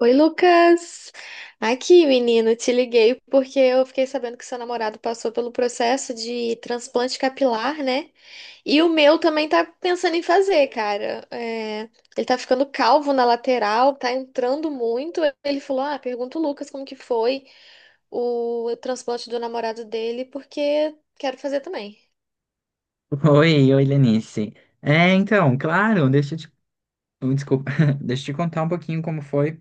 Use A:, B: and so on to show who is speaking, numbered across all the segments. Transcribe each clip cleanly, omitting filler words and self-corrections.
A: Oi, Lucas. Aqui, menino, te liguei porque eu fiquei sabendo que seu namorado passou pelo processo de transplante capilar, né? E o meu também tá pensando em fazer, cara. É, ele tá ficando calvo na lateral, tá entrando muito. Ele falou: Ah, pergunta o Lucas como que foi o transplante do namorado dele, porque quero fazer também.
B: Oi, oi, Lenice. É, então, claro, deixa eu te, desculpa, deixa eu te contar um pouquinho como foi,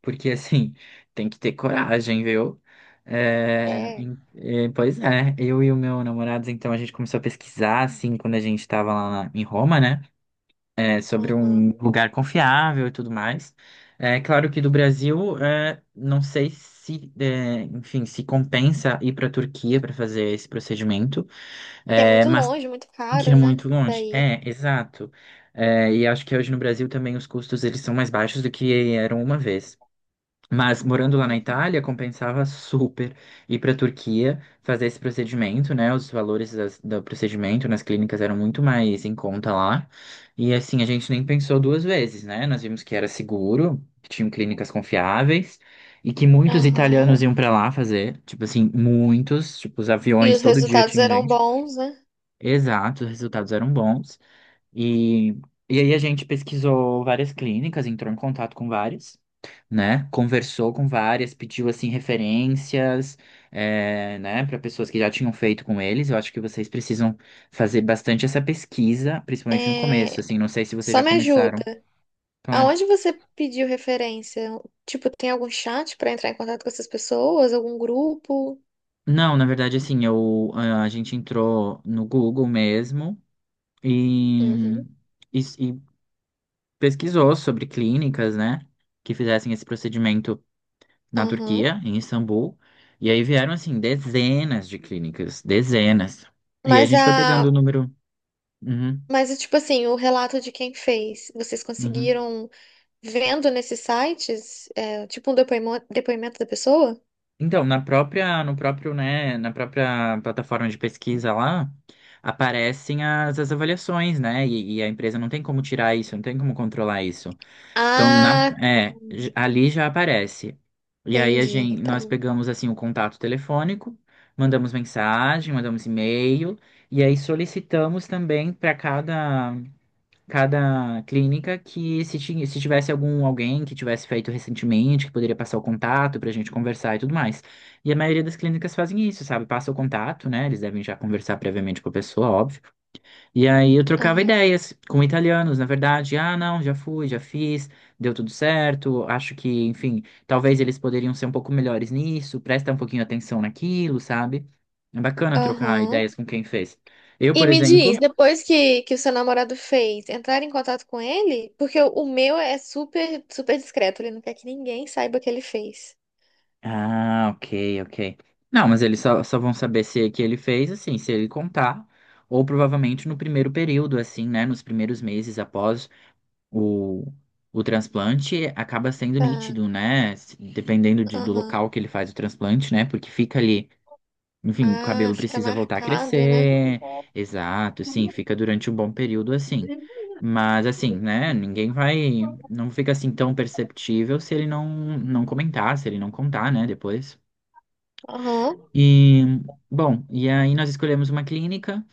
B: porque assim, tem que ter coragem, viu? É,
A: É,
B: é, pois é, eu e o meu namorado, então, a gente começou a pesquisar, assim, quando a gente tava lá em Roma, né? É, sobre um
A: aham.
B: lugar confiável e tudo mais. É claro que do Brasil, é, não sei se, é, enfim, se compensa ir para a Turquia para fazer esse procedimento.
A: Que é
B: É,
A: muito
B: mas
A: longe, muito
B: que é
A: caro, né?
B: muito longe.
A: Daí.
B: É, exato. É, e acho que hoje no Brasil também os custos eles são mais baixos do que eram uma vez. Mas morando lá na
A: Uhum.
B: Itália, compensava super ir para a Turquia fazer esse procedimento, né? Os valores do procedimento nas clínicas eram muito mais em conta lá. E assim, a gente nem pensou duas vezes, né? Nós vimos que era seguro, que tinham clínicas confiáveis e que muitos
A: Aham.
B: italianos iam para lá fazer. Tipo assim, muitos. Tipo, os
A: E
B: aviões,
A: os
B: todo dia
A: resultados
B: tinha
A: eram
B: gente.
A: bons, né?
B: Exato, os resultados eram bons. E, e aí a gente pesquisou várias clínicas, entrou em contato com várias, né? Conversou com várias, pediu assim referências, é, né, para pessoas que já tinham feito com eles. Eu acho que vocês precisam fazer bastante essa pesquisa, principalmente no começo,
A: É.
B: assim. Não sei se vocês
A: Só
B: já
A: me
B: começaram.
A: ajuda.
B: Claro.
A: Aonde você pediu referência? Tipo, tem algum chat pra entrar em contato com essas pessoas? Algum grupo?
B: Não, na verdade, assim, eu, a gente entrou no Google mesmo e,
A: Uhum.
B: e, e pesquisou sobre clínicas, né, que fizessem esse procedimento na
A: Aham.
B: Turquia, em Istambul. E aí vieram, assim, dezenas de clínicas, dezenas. E a
A: Mas
B: gente
A: a.
B: foi pegando o número. Uhum,
A: Mas, tipo assim, o relato de quem fez, vocês
B: uhum.
A: conseguiram vendo nesses sites, é, tipo um depoimento da pessoa?
B: Então, na própria, no próprio, né, na própria plataforma de pesquisa lá, aparecem as avaliações, né? E a empresa não tem como tirar isso, não tem como controlar isso. Então,
A: Ah, tá.
B: ali já aparece. E aí a
A: Entendi.
B: gente,
A: Tá
B: nós
A: bom.
B: pegamos assim o contato telefônico, mandamos mensagem, mandamos e-mail, e aí solicitamos também para cada, clínica que se tivesse algum alguém que tivesse feito recentemente, que poderia passar o contato para a gente conversar e tudo mais. E a maioria das clínicas fazem isso, sabe? Passa o contato, né? Eles devem já conversar previamente com a pessoa, óbvio. E aí eu trocava
A: Aham.
B: ideias com italianos, na verdade. Ah, não, já fui, já fiz, deu tudo certo. Acho que, enfim, talvez eles poderiam ser um pouco melhores nisso, presta um pouquinho atenção naquilo, sabe? É bacana trocar
A: Aham.
B: ideias com quem fez. Eu,
A: E
B: por
A: me
B: exemplo.
A: diz, depois que o seu namorado fez, entrar em contato com ele? Porque o meu é super, super discreto, ele não quer que ninguém saiba o que ele fez.
B: Ah, ok, ok. Não, mas eles só, só vão saber se é que ele fez, assim, se ele contar, ou provavelmente no primeiro período, assim, né? Nos primeiros meses após. O, o transplante acaba sendo
A: Tá,
B: nítido, né? Dependendo do
A: aham.
B: local que ele faz o transplante, né? Porque fica ali, enfim, o
A: Ah,
B: cabelo
A: fica
B: precisa voltar a
A: marcado, né?
B: crescer. Exato, sim, fica durante um bom período assim. Mas assim, né? Ninguém vai. Não fica assim tão perceptível se ele não, não comentar, se ele não contar, né? Depois.
A: Aham.
B: E, bom, e aí nós escolhemos uma clínica,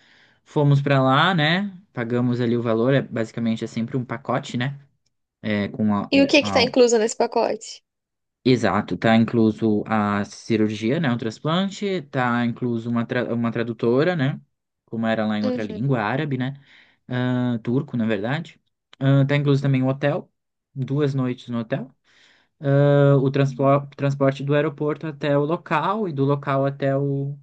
B: fomos pra lá, né? Pagamos ali o valor, é basicamente é sempre um pacote, né? É, com a,
A: E o que que tá incluso nesse pacote?
B: exato, tá incluso a cirurgia, né, o transplante, tá incluso uma tradutora, né, como era lá em outra língua,
A: Uhum.
B: árabe, né, ah, turco, na verdade. Ah, tá incluso também o hotel, 2 noites no hotel. Ah, o transporte do aeroporto até o local e do local até o,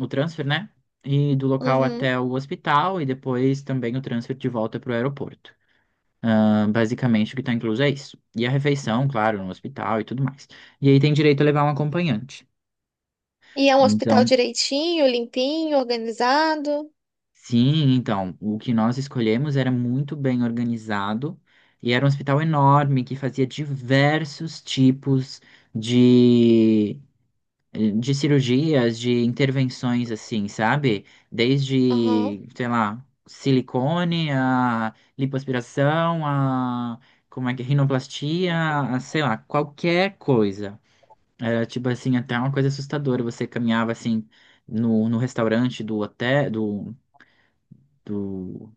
B: o transfer, né, e do local
A: Uhum.
B: até o hospital e depois também o transfer de volta para o aeroporto. Ah, basicamente, o que está incluso é isso. E a refeição, claro, no hospital e tudo mais. E aí tem direito a levar um acompanhante.
A: E é um hospital
B: Então,
A: direitinho, limpinho, organizado?
B: sim, então, o que nós escolhemos era muito bem organizado e era um hospital enorme que fazia diversos tipos de de cirurgias, de intervenções assim, sabe?
A: Aham.
B: Desde, sei lá, silicone, a lipoaspiração, a como é que é, rinoplastia, a, sei lá, qualquer coisa. Era tipo assim, até uma coisa assustadora. Você caminhava assim no restaurante do hotel, do,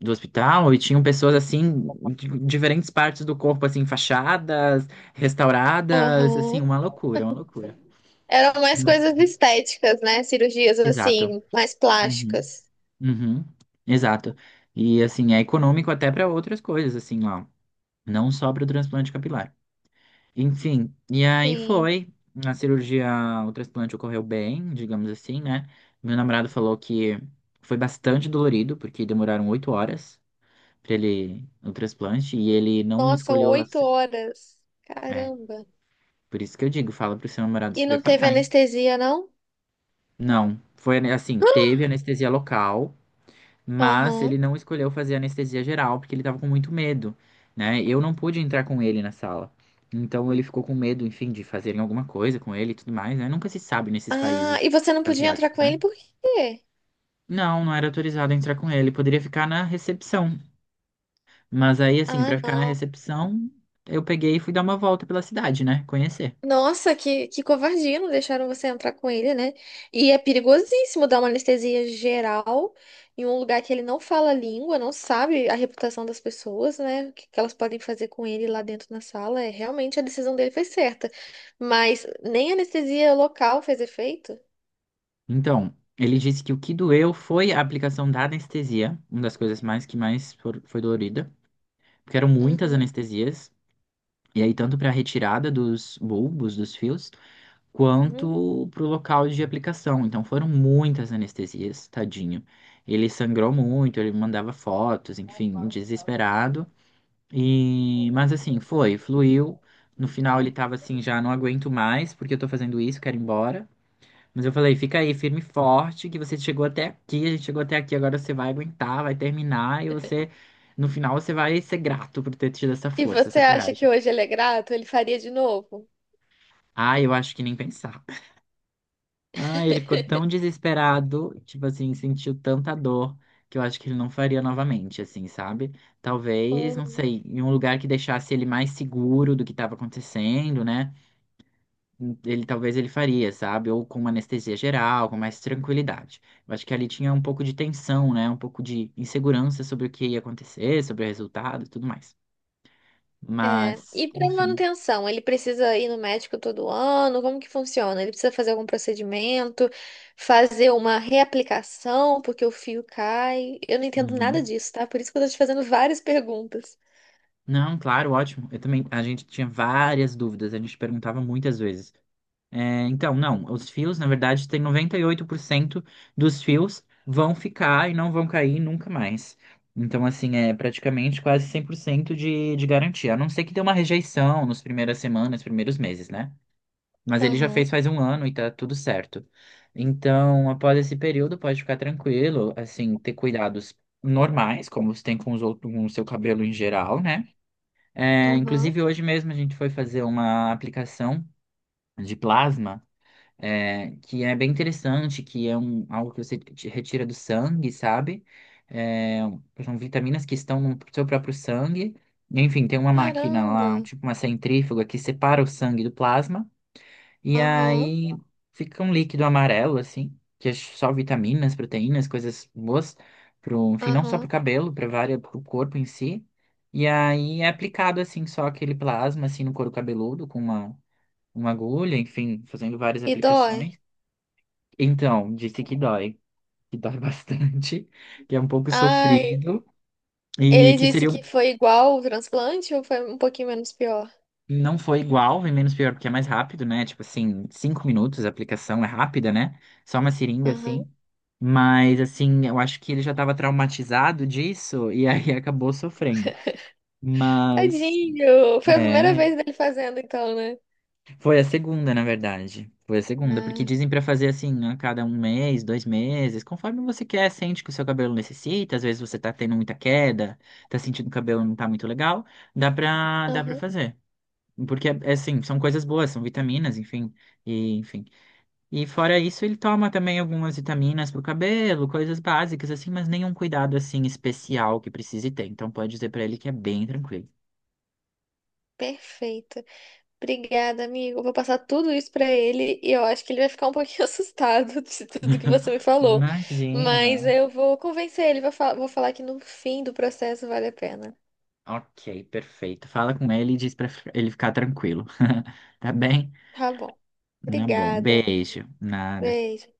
B: do hospital e tinham pessoas assim, de diferentes partes do corpo, assim, fachadas, restauradas, assim,
A: Aham.
B: uma loucura, uma loucura.
A: Eram mais
B: Uma-
A: coisas estéticas, né? Cirurgias
B: Exato.
A: assim, mais
B: Uhum.
A: plásticas.
B: Uhum, exato. E assim, é econômico até para outras coisas, assim, ó. Não só para o transplante capilar. Enfim, e aí
A: Sim.
B: foi. A cirurgia, o transplante ocorreu bem, digamos assim, né? Meu namorado falou que foi bastante dolorido, porque demoraram 8 horas para ele o transplante, e ele não
A: Nossa,
B: escolheu.
A: oito horas.
B: É,
A: Caramba.
B: por isso que eu digo, fala pro seu namorado
A: E
B: se
A: não teve
B: preparar, hein?
A: anestesia, não?
B: Não, foi assim, teve anestesia local. Mas ele
A: Aham.
B: não escolheu fazer anestesia geral porque ele tava com muito medo, né? Eu não pude entrar com ele na sala. Então ele ficou com medo, enfim, de fazerem alguma coisa com ele e tudo mais, né? Nunca se sabe nesses
A: Ah, e
B: países
A: você não podia entrar
B: asiáticos,
A: com
B: né?
A: ele por quê?
B: Não, não era autorizado a entrar com ele. Poderia ficar na recepção. Mas aí, assim,
A: Ah,
B: pra ficar na
A: não.
B: recepção, eu peguei e fui dar uma volta pela cidade, né? Conhecer.
A: Nossa, que covardia, não deixaram você entrar com ele, né? E é perigosíssimo dar uma anestesia geral em um lugar que ele não fala a língua, não sabe a reputação das pessoas, né? O que que elas podem fazer com ele lá dentro na sala. É, realmente a decisão dele foi certa. Mas nem a anestesia local fez efeito.
B: Então, ele disse que o que doeu foi a aplicação da anestesia, uma das coisas mais que mais foi dolorida, porque eram muitas
A: Uhum.
B: anestesias. E aí, tanto para a retirada dos bulbos, dos fios,
A: Uhum.
B: quanto para o local de aplicação. Então, foram muitas anestesias, tadinho. Ele sangrou muito, ele mandava fotos, enfim, desesperado. Mas assim, foi, fluiu. No final, ele tava assim: já não aguento mais, porque eu tô fazendo isso, quero ir embora. Mas eu falei: fica aí, firme e forte, que você chegou até aqui, a gente chegou até aqui, agora você vai aguentar, vai terminar, e você, no final, você vai ser grato por ter tido essa
A: E
B: força,
A: você
B: essa
A: acha que
B: coragem.
A: hoje ele é grato? Ele faria de novo?
B: Ah, eu acho que nem pensar. Ah, ele ficou tão desesperado, tipo assim, sentiu tanta dor que eu acho que ele não faria novamente, assim, sabe? Talvez, não
A: Hum,
B: sei, em um lugar que deixasse ele mais seguro do que estava acontecendo, né? Ele talvez ele faria, sabe? Ou com uma anestesia geral, com mais tranquilidade. Eu acho que ali tinha um pouco de tensão, né? Um pouco de insegurança sobre o que ia acontecer, sobre o resultado e tudo mais.
A: é.
B: Mas,
A: E para
B: enfim.
A: manutenção, ele precisa ir no médico todo ano? Como que funciona? Ele precisa fazer algum procedimento, fazer uma reaplicação porque o fio cai? Eu não entendo
B: Uhum.
A: nada disso, tá? Por isso que eu tô te fazendo várias perguntas.
B: Não, claro, ótimo. Eu também, a gente tinha várias dúvidas, a gente perguntava muitas vezes. É, então, não, os fios, na verdade, tem 98% dos fios vão ficar e não vão cair nunca mais. Então, assim, é praticamente quase 100% de garantia. A não ser que dê uma rejeição nas primeiras semanas, primeiros meses, né? Mas ele já
A: Aham,
B: fez faz um ano e tá tudo certo. Então, após esse período, pode ficar tranquilo, assim, ter cuidados normais, como você tem com os outros, com o seu cabelo em geral, né? É,
A: aham.
B: inclusive, hoje mesmo a gente foi fazer uma aplicação de plasma é, que é bem interessante, que é um, algo que você te retira do sangue, sabe? É, são vitaminas que estão no seu próprio sangue. Enfim, tem uma máquina
A: Caramba.
B: lá, tipo uma centrífuga, que separa o sangue do plasma, e
A: Aham,
B: aí fica um líquido amarelo, assim, que é só vitaminas, proteínas, coisas boas, pro, enfim, não só pro
A: aham.
B: cabelo, para várias, pro corpo em si. E aí é aplicado, assim, só aquele plasma, assim, no couro cabeludo, com uma agulha, enfim, fazendo várias
A: E dói?
B: aplicações. Então, disse que dói bastante, que é um pouco
A: Ai,
B: sofrido e
A: ele
B: que
A: disse
B: seria
A: que foi igual o transplante ou foi um pouquinho menos pior?
B: não foi igual, e menos pior, porque é mais rápido, né? Tipo assim, 5 minutos, a aplicação é rápida, né? Só uma seringa
A: Aham.
B: assim. Mas assim, eu acho que ele já estava traumatizado disso e aí acabou sofrendo. Mas
A: Tadinho! Foi a primeira
B: é,
A: vez dele fazendo, então, né?
B: Foi a segunda, na verdade. Foi a segunda, porque
A: Ah,
B: dizem pra fazer assim, a cada um mês, 2 meses, conforme você quer, sente que o seu cabelo necessita, às vezes você tá tendo muita queda, tá sentindo que o cabelo não tá muito legal, dá pra
A: aham,
B: fazer. Porque, é assim, são coisas boas, são vitaminas, enfim, e, enfim. E fora isso, ele toma também algumas vitaminas pro cabelo, coisas básicas, assim, mas nenhum cuidado, assim, especial que precise ter. Então, pode dizer pra ele que é bem tranquilo.
A: perfeito. Obrigada, amigo. Eu vou passar tudo isso pra ele e eu acho que ele vai ficar um pouquinho assustado de tudo que você me falou.
B: Imagina,
A: Mas
B: não.
A: eu vou convencer ele, vou falar que no fim do processo vale a pena.
B: Ok, perfeito. Fala com ele e diz pra ele ficar tranquilo. Tá bem?
A: Tá bom.
B: Tá bom.
A: Obrigada.
B: Beijo. Nada.
A: Beijo.